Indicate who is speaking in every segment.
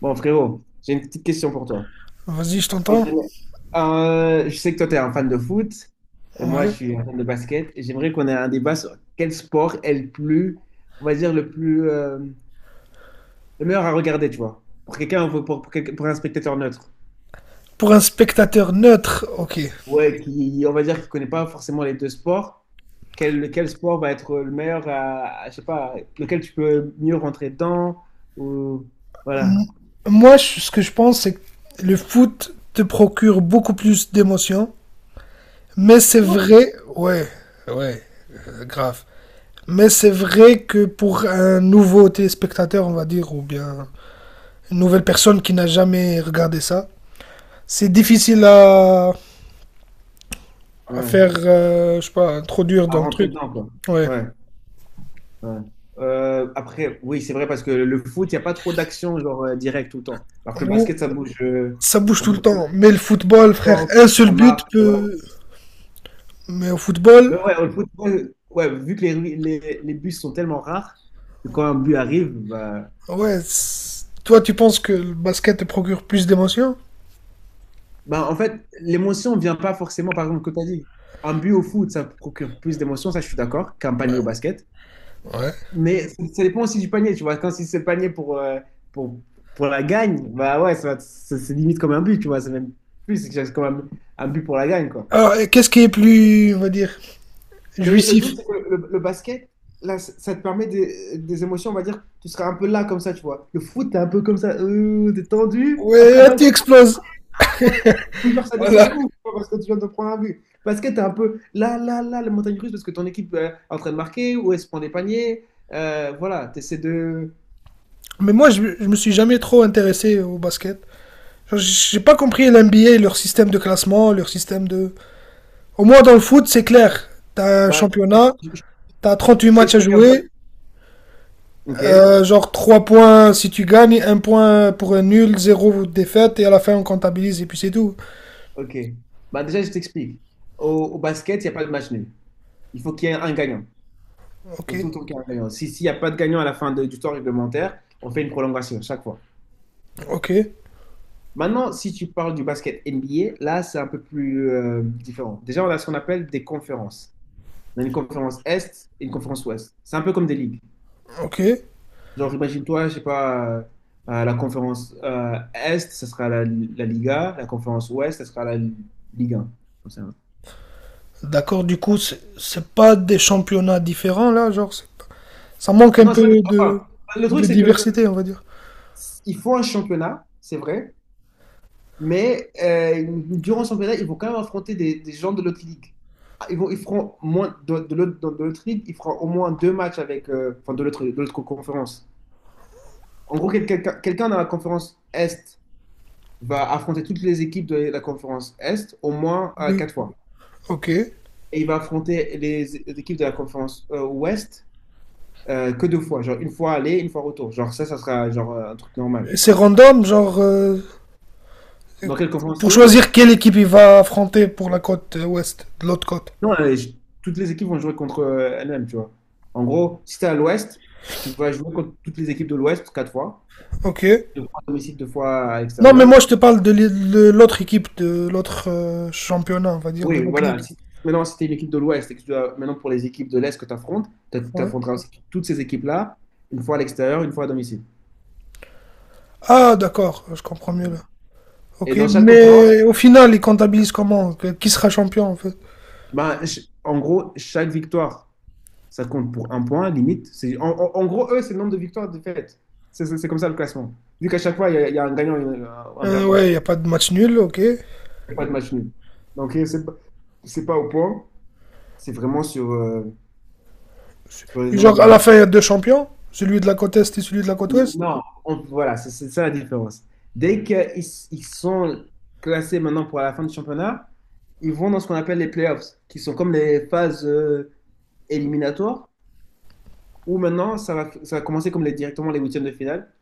Speaker 1: Bon, frérot, j'ai une petite question pour toi.
Speaker 2: Vas-y, je t'entends.
Speaker 1: Je sais que toi, tu es un fan de foot et moi,
Speaker 2: Ouais.
Speaker 1: je suis un fan de basket. Et j'aimerais qu'on ait un débat sur quel sport est le plus, on va dire, le plus, le meilleur à regarder, tu vois. Pour quelqu'un, pour un spectateur neutre.
Speaker 2: Pour un spectateur neutre, ok.
Speaker 1: Ouais, qui, on va dire, qui connaît pas forcément les deux sports. Quel sport va être le meilleur je sais pas, lequel tu peux mieux rentrer dedans ou,
Speaker 2: M-
Speaker 1: voilà.
Speaker 2: Moi, ce que je pense, c'est que le foot te procure beaucoup plus d'émotions. Mais c'est
Speaker 1: Quoi?
Speaker 2: vrai, ouais, ouais, grave. Mais c'est vrai que pour un nouveau téléspectateur, on va dire, ou bien une nouvelle personne qui n'a jamais regardé ça, c'est difficile à
Speaker 1: Ouais,
Speaker 2: faire, je sais pas, introduire
Speaker 1: à
Speaker 2: dans le
Speaker 1: rentrer
Speaker 2: truc.
Speaker 1: dedans, quoi.
Speaker 2: Ouais.
Speaker 1: Ouais. Ouais. Après, oui, c'est vrai parce que le foot, il n'y a pas trop d'action genre direct tout le temps. Alors que le
Speaker 2: Ou
Speaker 1: basket, ça bouge, euh,
Speaker 2: ça bouge
Speaker 1: ça
Speaker 2: tout le
Speaker 1: bouge tout le
Speaker 2: temps. Mais le football, frère,
Speaker 1: temps,
Speaker 2: un seul
Speaker 1: ça
Speaker 2: but
Speaker 1: marque. Et voilà.
Speaker 2: peut, mais au
Speaker 1: Mais
Speaker 2: football,
Speaker 1: ouais, le foot, ouais, ouais, vu que les buts sont tellement rares, que quand un but arrive, bah,
Speaker 2: ouais, toi, tu penses que le basket te procure plus d'émotions?
Speaker 1: bah, en fait, l'émotion ne vient pas forcément, par exemple, que tu as dit. Un but au foot, ça procure plus d'émotion, ça je suis d'accord, qu'un panier au basket.
Speaker 2: Ouais.
Speaker 1: Mais ça dépend aussi du panier, tu vois. Quand si c'est le panier pour, pour la gagne, bah ouais, c'est limite comme un but, tu vois. C'est même plus, c'est que c'est comme un but pour la gagne, quoi.
Speaker 2: Alors, et qu'est-ce qui est plus, on va dire,
Speaker 1: Mais le
Speaker 2: jouissif?
Speaker 1: truc, c'est que le basket, là, ça te permet des émotions, on va dire, tu seras un peu là comme ça, tu vois. Le foot, t'es un peu comme ça, t'es tendu,
Speaker 2: Ouais,
Speaker 1: après
Speaker 2: là,
Speaker 1: d'un
Speaker 2: tu
Speaker 1: coup,
Speaker 2: exploses.
Speaker 1: ah voilà, ou genre ça descend de
Speaker 2: Voilà.
Speaker 1: ouf, tu vois, parce que tu viens de prendre un but. Basket, t'es un peu là, là, là, la montagne russe, parce que ton équipe est en train de marquer, ou elle se prend des paniers, voilà, t'essaies de.
Speaker 2: Mais moi, je me suis jamais trop intéressé au basket. Genre, j'ai pas compris l'NBA, leur système de classement, leur système de. Au moins dans le foot, c'est clair. T'as un
Speaker 1: Bah,
Speaker 2: championnat, t'as 38
Speaker 1: je
Speaker 2: matchs à
Speaker 1: t'explique un peu.
Speaker 2: jouer,
Speaker 1: Ok,
Speaker 2: genre 3 points si tu gagnes, 1 point pour un nul, 0 défaite, et à la fin on comptabilise et puis c'est tout.
Speaker 1: ok. Bah déjà, je t'explique. Au, au basket, il n'y a pas de match nul. Il faut qu'il y ait un gagnant. Il
Speaker 2: Ok,
Speaker 1: faut tout le temps qu'il y ait un gagnant. Si, s'il n'y a pas de gagnant à la fin du temps réglementaire, on fait une prolongation chaque fois.
Speaker 2: ok.
Speaker 1: Maintenant, si tu parles du basket NBA, là, c'est un peu plus différent. Déjà, on a ce qu'on appelle des conférences. On a une conférence Est et une conférence Ouest. C'est un peu comme des ligues.
Speaker 2: Ok,
Speaker 1: Genre, imagine-toi, je sais pas, la conférence Est, ce sera la Liga. La conférence Ouest, ce sera la Ligue 1.
Speaker 2: d'accord. Du coup, c'est pas des championnats différents là, genre, ça manque un
Speaker 1: Non,
Speaker 2: peu
Speaker 1: c'est pas décevant.
Speaker 2: de,
Speaker 1: Le truc,
Speaker 2: de
Speaker 1: c'est que
Speaker 2: diversité, on va dire.
Speaker 1: il faut un championnat, c'est vrai, mais durant le championnat, ils vont quand même affronter des gens de l'autre ligue. Ah, ils feront moins de l'autre ligue, ils feront au moins 2 matchs avec, enfin, de l'autre conférence. En gros, quelqu'un dans la conférence Est va affronter toutes les équipes de la conférence Est au moins
Speaker 2: Oui.
Speaker 1: 4 fois.
Speaker 2: Ok. Et
Speaker 1: Et il va affronter les équipes de la conférence Ouest que 2 fois, genre une fois aller, une fois retour. Genre ça sera genre un truc normal.
Speaker 2: c'est random, genre,
Speaker 1: Dans quelle conférence
Speaker 2: pour
Speaker 1: tu es?
Speaker 2: choisir quelle équipe il va affronter pour la côte ouest, de l'autre côte.
Speaker 1: Non, toutes les équipes vont jouer contre elles-mêmes, tu vois. En gros, si t'es à l'Ouest, tu vas jouer contre toutes les équipes de l'Ouest 4 fois,
Speaker 2: Ok.
Speaker 1: 2 fois à domicile, 2 fois à
Speaker 2: Non, mais moi
Speaker 1: l'extérieur.
Speaker 2: je te parle de de l'autre équipe, de l'autre championnat, on va dire, de
Speaker 1: Oui,
Speaker 2: l'autre
Speaker 1: voilà.
Speaker 2: ligue.
Speaker 1: Maintenant, si t'es une équipe de l'Ouest et que tu dois, maintenant pour les équipes de l'Est que tu affrontes, tu
Speaker 2: Ouais.
Speaker 1: affronteras aussi toutes ces équipes-là, une fois à l'extérieur, une fois à domicile.
Speaker 2: Ah, d'accord, je comprends mieux là.
Speaker 1: Et
Speaker 2: Ok,
Speaker 1: dans chaque conférence,
Speaker 2: mais au final, ils comptabilisent comment? Qui sera champion en fait?
Speaker 1: ben, en gros, chaque victoire, ça compte pour un point, limite. C'est, en gros, eux, c'est le nombre de victoires et de défaites. C'est comme ça le classement. Vu qu'à chaque fois, il y a un gagnant et un perdant.
Speaker 2: Ouais, il n'y a pas de match nul, ok.
Speaker 1: Il n'y a pas de match nul. Donc, et c'est pas au point. C'est vraiment sur, sur les
Speaker 2: Et genre,
Speaker 1: nombres
Speaker 2: à
Speaker 1: de
Speaker 2: la
Speaker 1: games.
Speaker 2: fin, il y a deux champions, celui de la côte Est et celui de la côte Ouest.
Speaker 1: Non, voilà, c'est ça la différence. Dès qu'ils ils sont classés maintenant pour la fin du championnat, ils vont dans ce qu'on appelle les playoffs, qui sont comme les phases éliminatoires, où maintenant, ça va commencer comme directement les huitièmes de finale.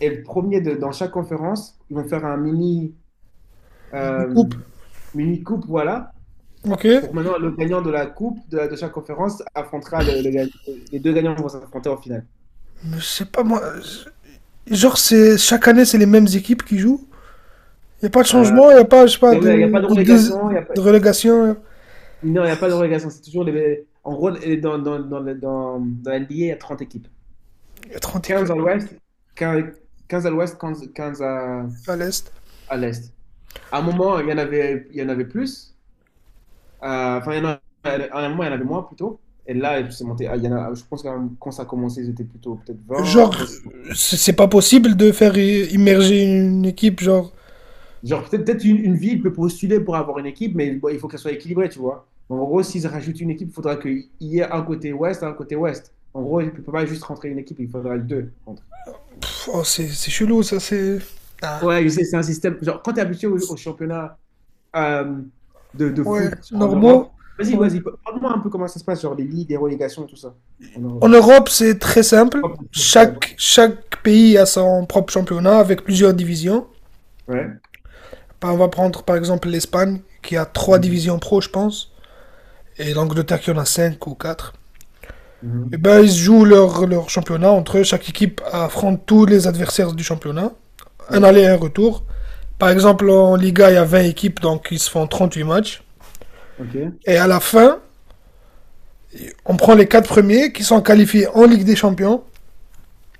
Speaker 1: Et le premier dans chaque conférence, ils vont faire un
Speaker 2: Ils
Speaker 1: euh,
Speaker 2: coupent,
Speaker 1: mini coupe, voilà.
Speaker 2: ok.
Speaker 1: Pour maintenant, le gagnant de la coupe de chaque conférence affrontera les deux gagnants vont s'affronter en finale.
Speaker 2: Mais je sais pas, moi. Genre, c'est, chaque année, c'est les mêmes équipes qui jouent. Il n'y a pas de
Speaker 1: Euh,
Speaker 2: changement, il n'y a pas, je sais pas,
Speaker 1: Il n'y a pas de
Speaker 2: de, de-
Speaker 1: relégation, il y a pas,
Speaker 2: de relégation.
Speaker 1: non, il y a pas de relégation. C'est toujours en gros dans la NBA, il y a 30 équipes.
Speaker 2: Il y a trente
Speaker 1: 15
Speaker 2: équipes
Speaker 1: à l'ouest, 15, 15 à l'ouest, 15, 15 à,
Speaker 2: à l'Est.
Speaker 1: à l'est. À un moment, il y en avait plus. Enfin, il y en a- à un moment, il y en avait moins plutôt. Et là, c'est monté. À- il y en a- je pense que quand ça a commencé, ils étaient plutôt peut-être 20.
Speaker 2: Genre,
Speaker 1: Après,
Speaker 2: c'est pas possible de faire immerger une équipe, genre.
Speaker 1: Genre, peut-être une ville peut postuler pour avoir une équipe, mais bon, il faut qu'elle soit équilibrée, tu vois. En gros, s'ils rajoutent une équipe, il faudra qu'il y ait un côté ouest, un côté ouest. En gros, il ne peut pas juste rentrer une équipe, il faudra deux. Contre.
Speaker 2: Pff, oh, c'est chelou, ça, c'est. Ah.
Speaker 1: Ouais, je sais, c'est un système. Genre, quand tu es habitué au championnat euh, de
Speaker 2: Ouais,
Speaker 1: foot en Europe,
Speaker 2: normaux.
Speaker 1: vas-y,
Speaker 2: Ouais.
Speaker 1: vas-y, parle-moi un peu comment ça se passe, genre les ligues, les relégations, tout ça. En Europe.
Speaker 2: En Europe, c'est très simple.
Speaker 1: Hop, en France. Ouais.
Speaker 2: Chaque pays a son propre championnat avec plusieurs divisions.
Speaker 1: Ouais.
Speaker 2: Bah, on va prendre par exemple l'Espagne, qui a trois
Speaker 1: Mhm.
Speaker 2: divisions pro, je pense, et l'Angleterre qui en a cinq ou quatre. Et
Speaker 1: Mhm.
Speaker 2: ben, ils jouent leur championnat entre eux. Chaque équipe affronte tous les adversaires du championnat. Un
Speaker 1: Ouais.
Speaker 2: aller et un retour. Par exemple, en Liga, il y a 20 équipes, donc ils se font huit matchs.
Speaker 1: Ok.
Speaker 2: Et à la fin, on prend les quatre premiers qui sont qualifiés en Ligue des Champions.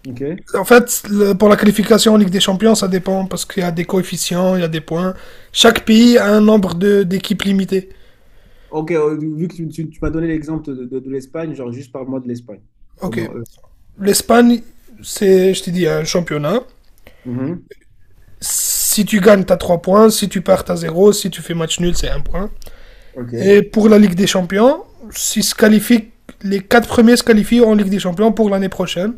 Speaker 1: Ok.
Speaker 2: En fait, pour la qualification en Ligue des Champions, ça dépend parce qu'il y a des coefficients, il y a des points. Chaque pays a un nombre d'équipes limité.
Speaker 1: Ok, vu que tu m'as donné l'exemple de l'Espagne, genre juste parle-moi de l'Espagne. Comment.
Speaker 2: Ok. L'Espagne, c'est, je te dis, un championnat.
Speaker 1: Mhm.
Speaker 2: Si tu gagnes, t'as 3 points. Si tu perds, t'as zéro. Si tu fais match nul, c'est 1 point.
Speaker 1: Ok,
Speaker 2: Et pour la Ligue des Champions, si se qualifient, les 4 premiers se qualifient en Ligue des Champions pour l'année prochaine.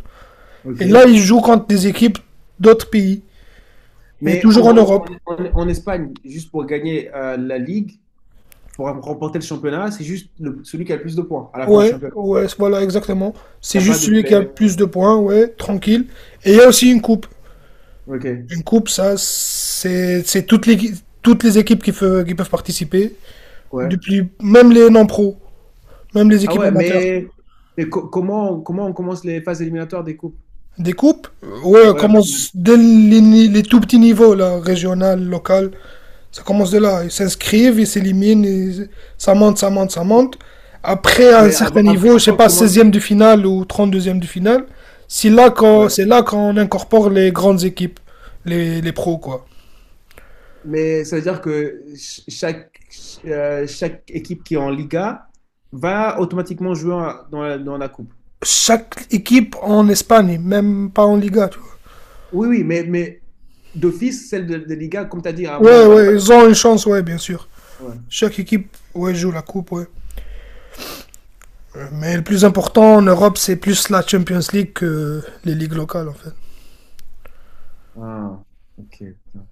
Speaker 1: ok.
Speaker 2: Et là, ils jouent contre des équipes d'autres pays, mais
Speaker 1: Mais en
Speaker 2: toujours en
Speaker 1: gros, en,
Speaker 2: Europe.
Speaker 1: en- en Espagne, juste pour gagner la Ligue, pour remporter le championnat, c'est juste celui qui a le plus de points à la fin du
Speaker 2: Ouais,
Speaker 1: championnat.
Speaker 2: ouais, voilà, exactement.
Speaker 1: Il
Speaker 2: C'est
Speaker 1: n'y a pas
Speaker 2: juste
Speaker 1: de
Speaker 2: celui qui
Speaker 1: play.
Speaker 2: a le plus de points, ouais, tranquille. Et il y a aussi une coupe.
Speaker 1: Ok,
Speaker 2: Une coupe, ça, c'est toutes les, équipes qui peuvent participer,
Speaker 1: ouais.
Speaker 2: depuis, même les non-pros. Même les
Speaker 1: Ah
Speaker 2: équipes
Speaker 1: ouais,
Speaker 2: amateurs.
Speaker 1: mais comment on commence les phases éliminatoires des coupes?
Speaker 2: Des coupes, ouais,
Speaker 1: Ouais,
Speaker 2: commence dès les, ni- les tout petits niveaux, là, régional, local. Ça commence de là. Ils s'inscrivent, ils s'éliminent, et ça monte, ça monte, ça monte. Après, à un
Speaker 1: mais avant,
Speaker 2: certain
Speaker 1: avant-
Speaker 2: niveau, je sais
Speaker 1: avant qu'on
Speaker 2: pas,
Speaker 1: commence.
Speaker 2: 16e de finale ou 32e de finale, c'est là qu'on,
Speaker 1: Ouais.
Speaker 2: c'est là qu'on incorpore les grandes équipes, les pros, quoi.
Speaker 1: Mais ça veut dire que chaque équipe qui est en Liga va automatiquement jouer dans la coupe.
Speaker 2: Chaque équipe en Espagne, même pas en Liga, tu vois.
Speaker 1: Oui, oui, mais d'office, celle de Liga, comme tu as dit, à moi,
Speaker 2: Ouais,
Speaker 1: on va les faire.
Speaker 2: ouais, ils ont une chance, ouais, bien sûr.
Speaker 1: Ouais.
Speaker 2: Chaque équipe, ouais, joue la coupe, ouais. Mais le
Speaker 1: Ok.
Speaker 2: plus important en Europe, c'est plus la Champions League que les ligues locales, en fait.
Speaker 1: Ah, ok. Putain.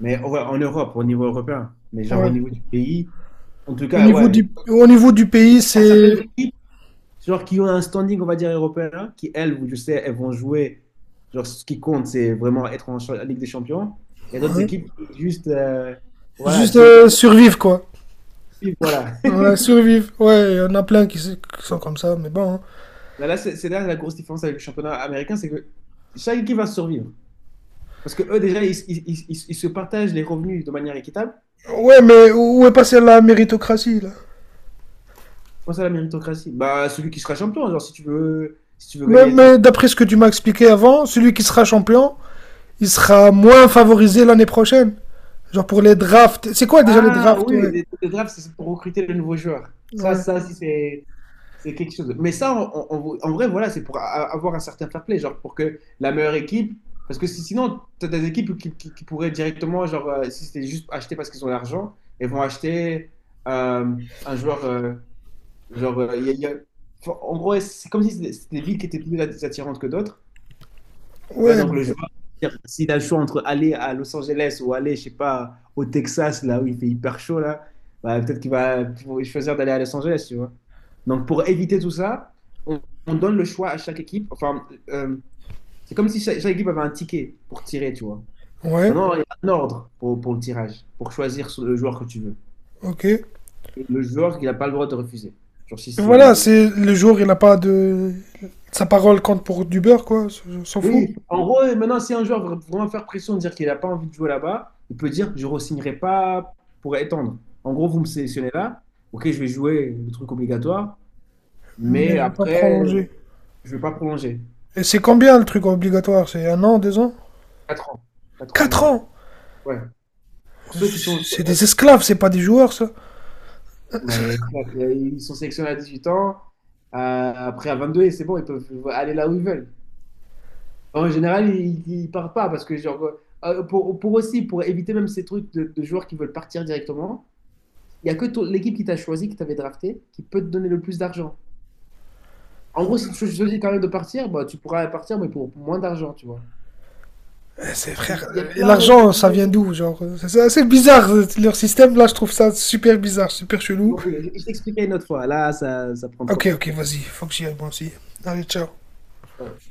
Speaker 1: Mais ouais, en Europe, au niveau européen, mais genre au
Speaker 2: Ouais.
Speaker 1: niveau du pays, en tout
Speaker 2: Au
Speaker 1: cas,
Speaker 2: niveau
Speaker 1: ouais.
Speaker 2: du, au niveau du
Speaker 1: Je
Speaker 2: pays,
Speaker 1: sais qu'il y a
Speaker 2: c'est
Speaker 1: certaines équipes, genre qui ont un standing, on va dire, européen, qui, elles, je sais, elles vont jouer. Genre, ce qui compte, c'est vraiment être en Ligue des Champions. Il y a d'autres
Speaker 2: ouais,
Speaker 1: équipes qui, juste, voilà,
Speaker 2: juste
Speaker 1: si égalité,
Speaker 2: survivre, quoi.
Speaker 1: voilà.
Speaker 2: Ouais, survivre. Ouais, il y en a plein qui sont comme ça, mais bon, hein.
Speaker 1: Là, là, c'est là la grosse différence avec le championnat américain, c'est que chaque équipe va survivre. Parce que eux, déjà, ils se partagent les revenus de manière équitable.
Speaker 2: Ouais, mais où est passée la méritocratie, là?
Speaker 1: Pense à la méritocratie. Bah, celui qui sera champion, genre, si tu veux, si tu veux
Speaker 2: Mais,
Speaker 1: gagner, tu veux-
Speaker 2: mais d'après ce que tu m'as expliqué avant, celui qui sera champion, il sera moins favorisé l'année prochaine. Genre pour les drafts. C'est quoi déjà les
Speaker 1: Ah
Speaker 2: drafts,
Speaker 1: oui,
Speaker 2: ouais?
Speaker 1: les drafts, c'est pour recruter de nouveaux joueurs. Ça,
Speaker 2: Ouais.
Speaker 1: ça, si c'est quelque chose. Mais ça, en vrai, voilà, c'est pour avoir un certain fair play, genre, pour que la meilleure équipe. Parce que sinon, tu as des équipes qui pourraient directement, genre, si c'était juste acheter parce qu'ils ont l'argent, et vont acheter euh, un joueur. Genre, enfin, en gros, ouais, c'est comme si c'était des villes qui étaient plus attirantes que d'autres. Tu vois,
Speaker 2: Ouais,
Speaker 1: donc le joueur, c'est-à-dire, s'il a le choix entre aller à Los Angeles ou aller, je sais pas, au Texas, là où il fait hyper chaud, là, bah, peut-être qu'il va choisir d'aller à Los Angeles, tu vois. Donc, pour éviter tout ça, on, on donne le choix à chaque équipe. Enfin, c'est comme si chaque équipe avait un ticket pour tirer, tu vois.
Speaker 2: ouais,
Speaker 1: Maintenant, il y a un ordre pour le tirage, pour choisir le joueur que tu veux.
Speaker 2: ok.
Speaker 1: Et le joueur qu'il n'a pas le droit de refuser. Genre, si
Speaker 2: Voilà,
Speaker 1: c'est.
Speaker 2: c'est le jour, il n'a pas de. Sa parole compte pour du beurre, quoi. On s'en fout.
Speaker 1: Oui, en gros, maintenant, si un joueur veut vraiment faire pression, dire qu'il n'a pas envie de jouer là-bas, il peut dire, je ne re pas pour étendre. En gros, vous me sélectionnez là, ok, je vais jouer le truc obligatoire,
Speaker 2: Mais
Speaker 1: mais
Speaker 2: je vais pas
Speaker 1: après,
Speaker 2: prolonger.
Speaker 1: je ne vais pas prolonger.
Speaker 2: Et c'est combien le truc obligatoire? C'est 1 an, 2 ans?
Speaker 1: 4 ans. 4 ans
Speaker 2: Quatre
Speaker 1: minimum.
Speaker 2: ans
Speaker 1: Ouais. Pour ceux qui sont,
Speaker 2: C'est des esclaves, c'est pas des joueurs, ça.
Speaker 1: ouais, ils sont sélectionnés à 18 ans, euh, après à 22 et c'est bon, ils peuvent aller là où ils veulent. En général, ils ne partent pas parce que, genre, pour éviter même ces trucs de joueurs qui veulent partir directement, Il n'y a que l'équipe qui t'a choisi, qui t'avait drafté, qui peut te donner le plus d'argent. En gros, si tu choisis quand même de partir, bah, tu pourras partir, mais pour moins d'argent, tu vois.
Speaker 2: Eh, c'est frère.
Speaker 1: Il y a
Speaker 2: Et
Speaker 1: plein d'autres
Speaker 2: l'argent, ça
Speaker 1: idées.
Speaker 2: vient d'où? Genre, c'est assez bizarre leur système. Là, je trouve ça super bizarre, super chelou.
Speaker 1: Bon, je t'expliquerai une autre fois. Là, ça prend trop de
Speaker 2: Ok,
Speaker 1: temps.
Speaker 2: ok, vas-y, faut que j'y aille moi aussi. Allez, ciao.
Speaker 1: Ouais.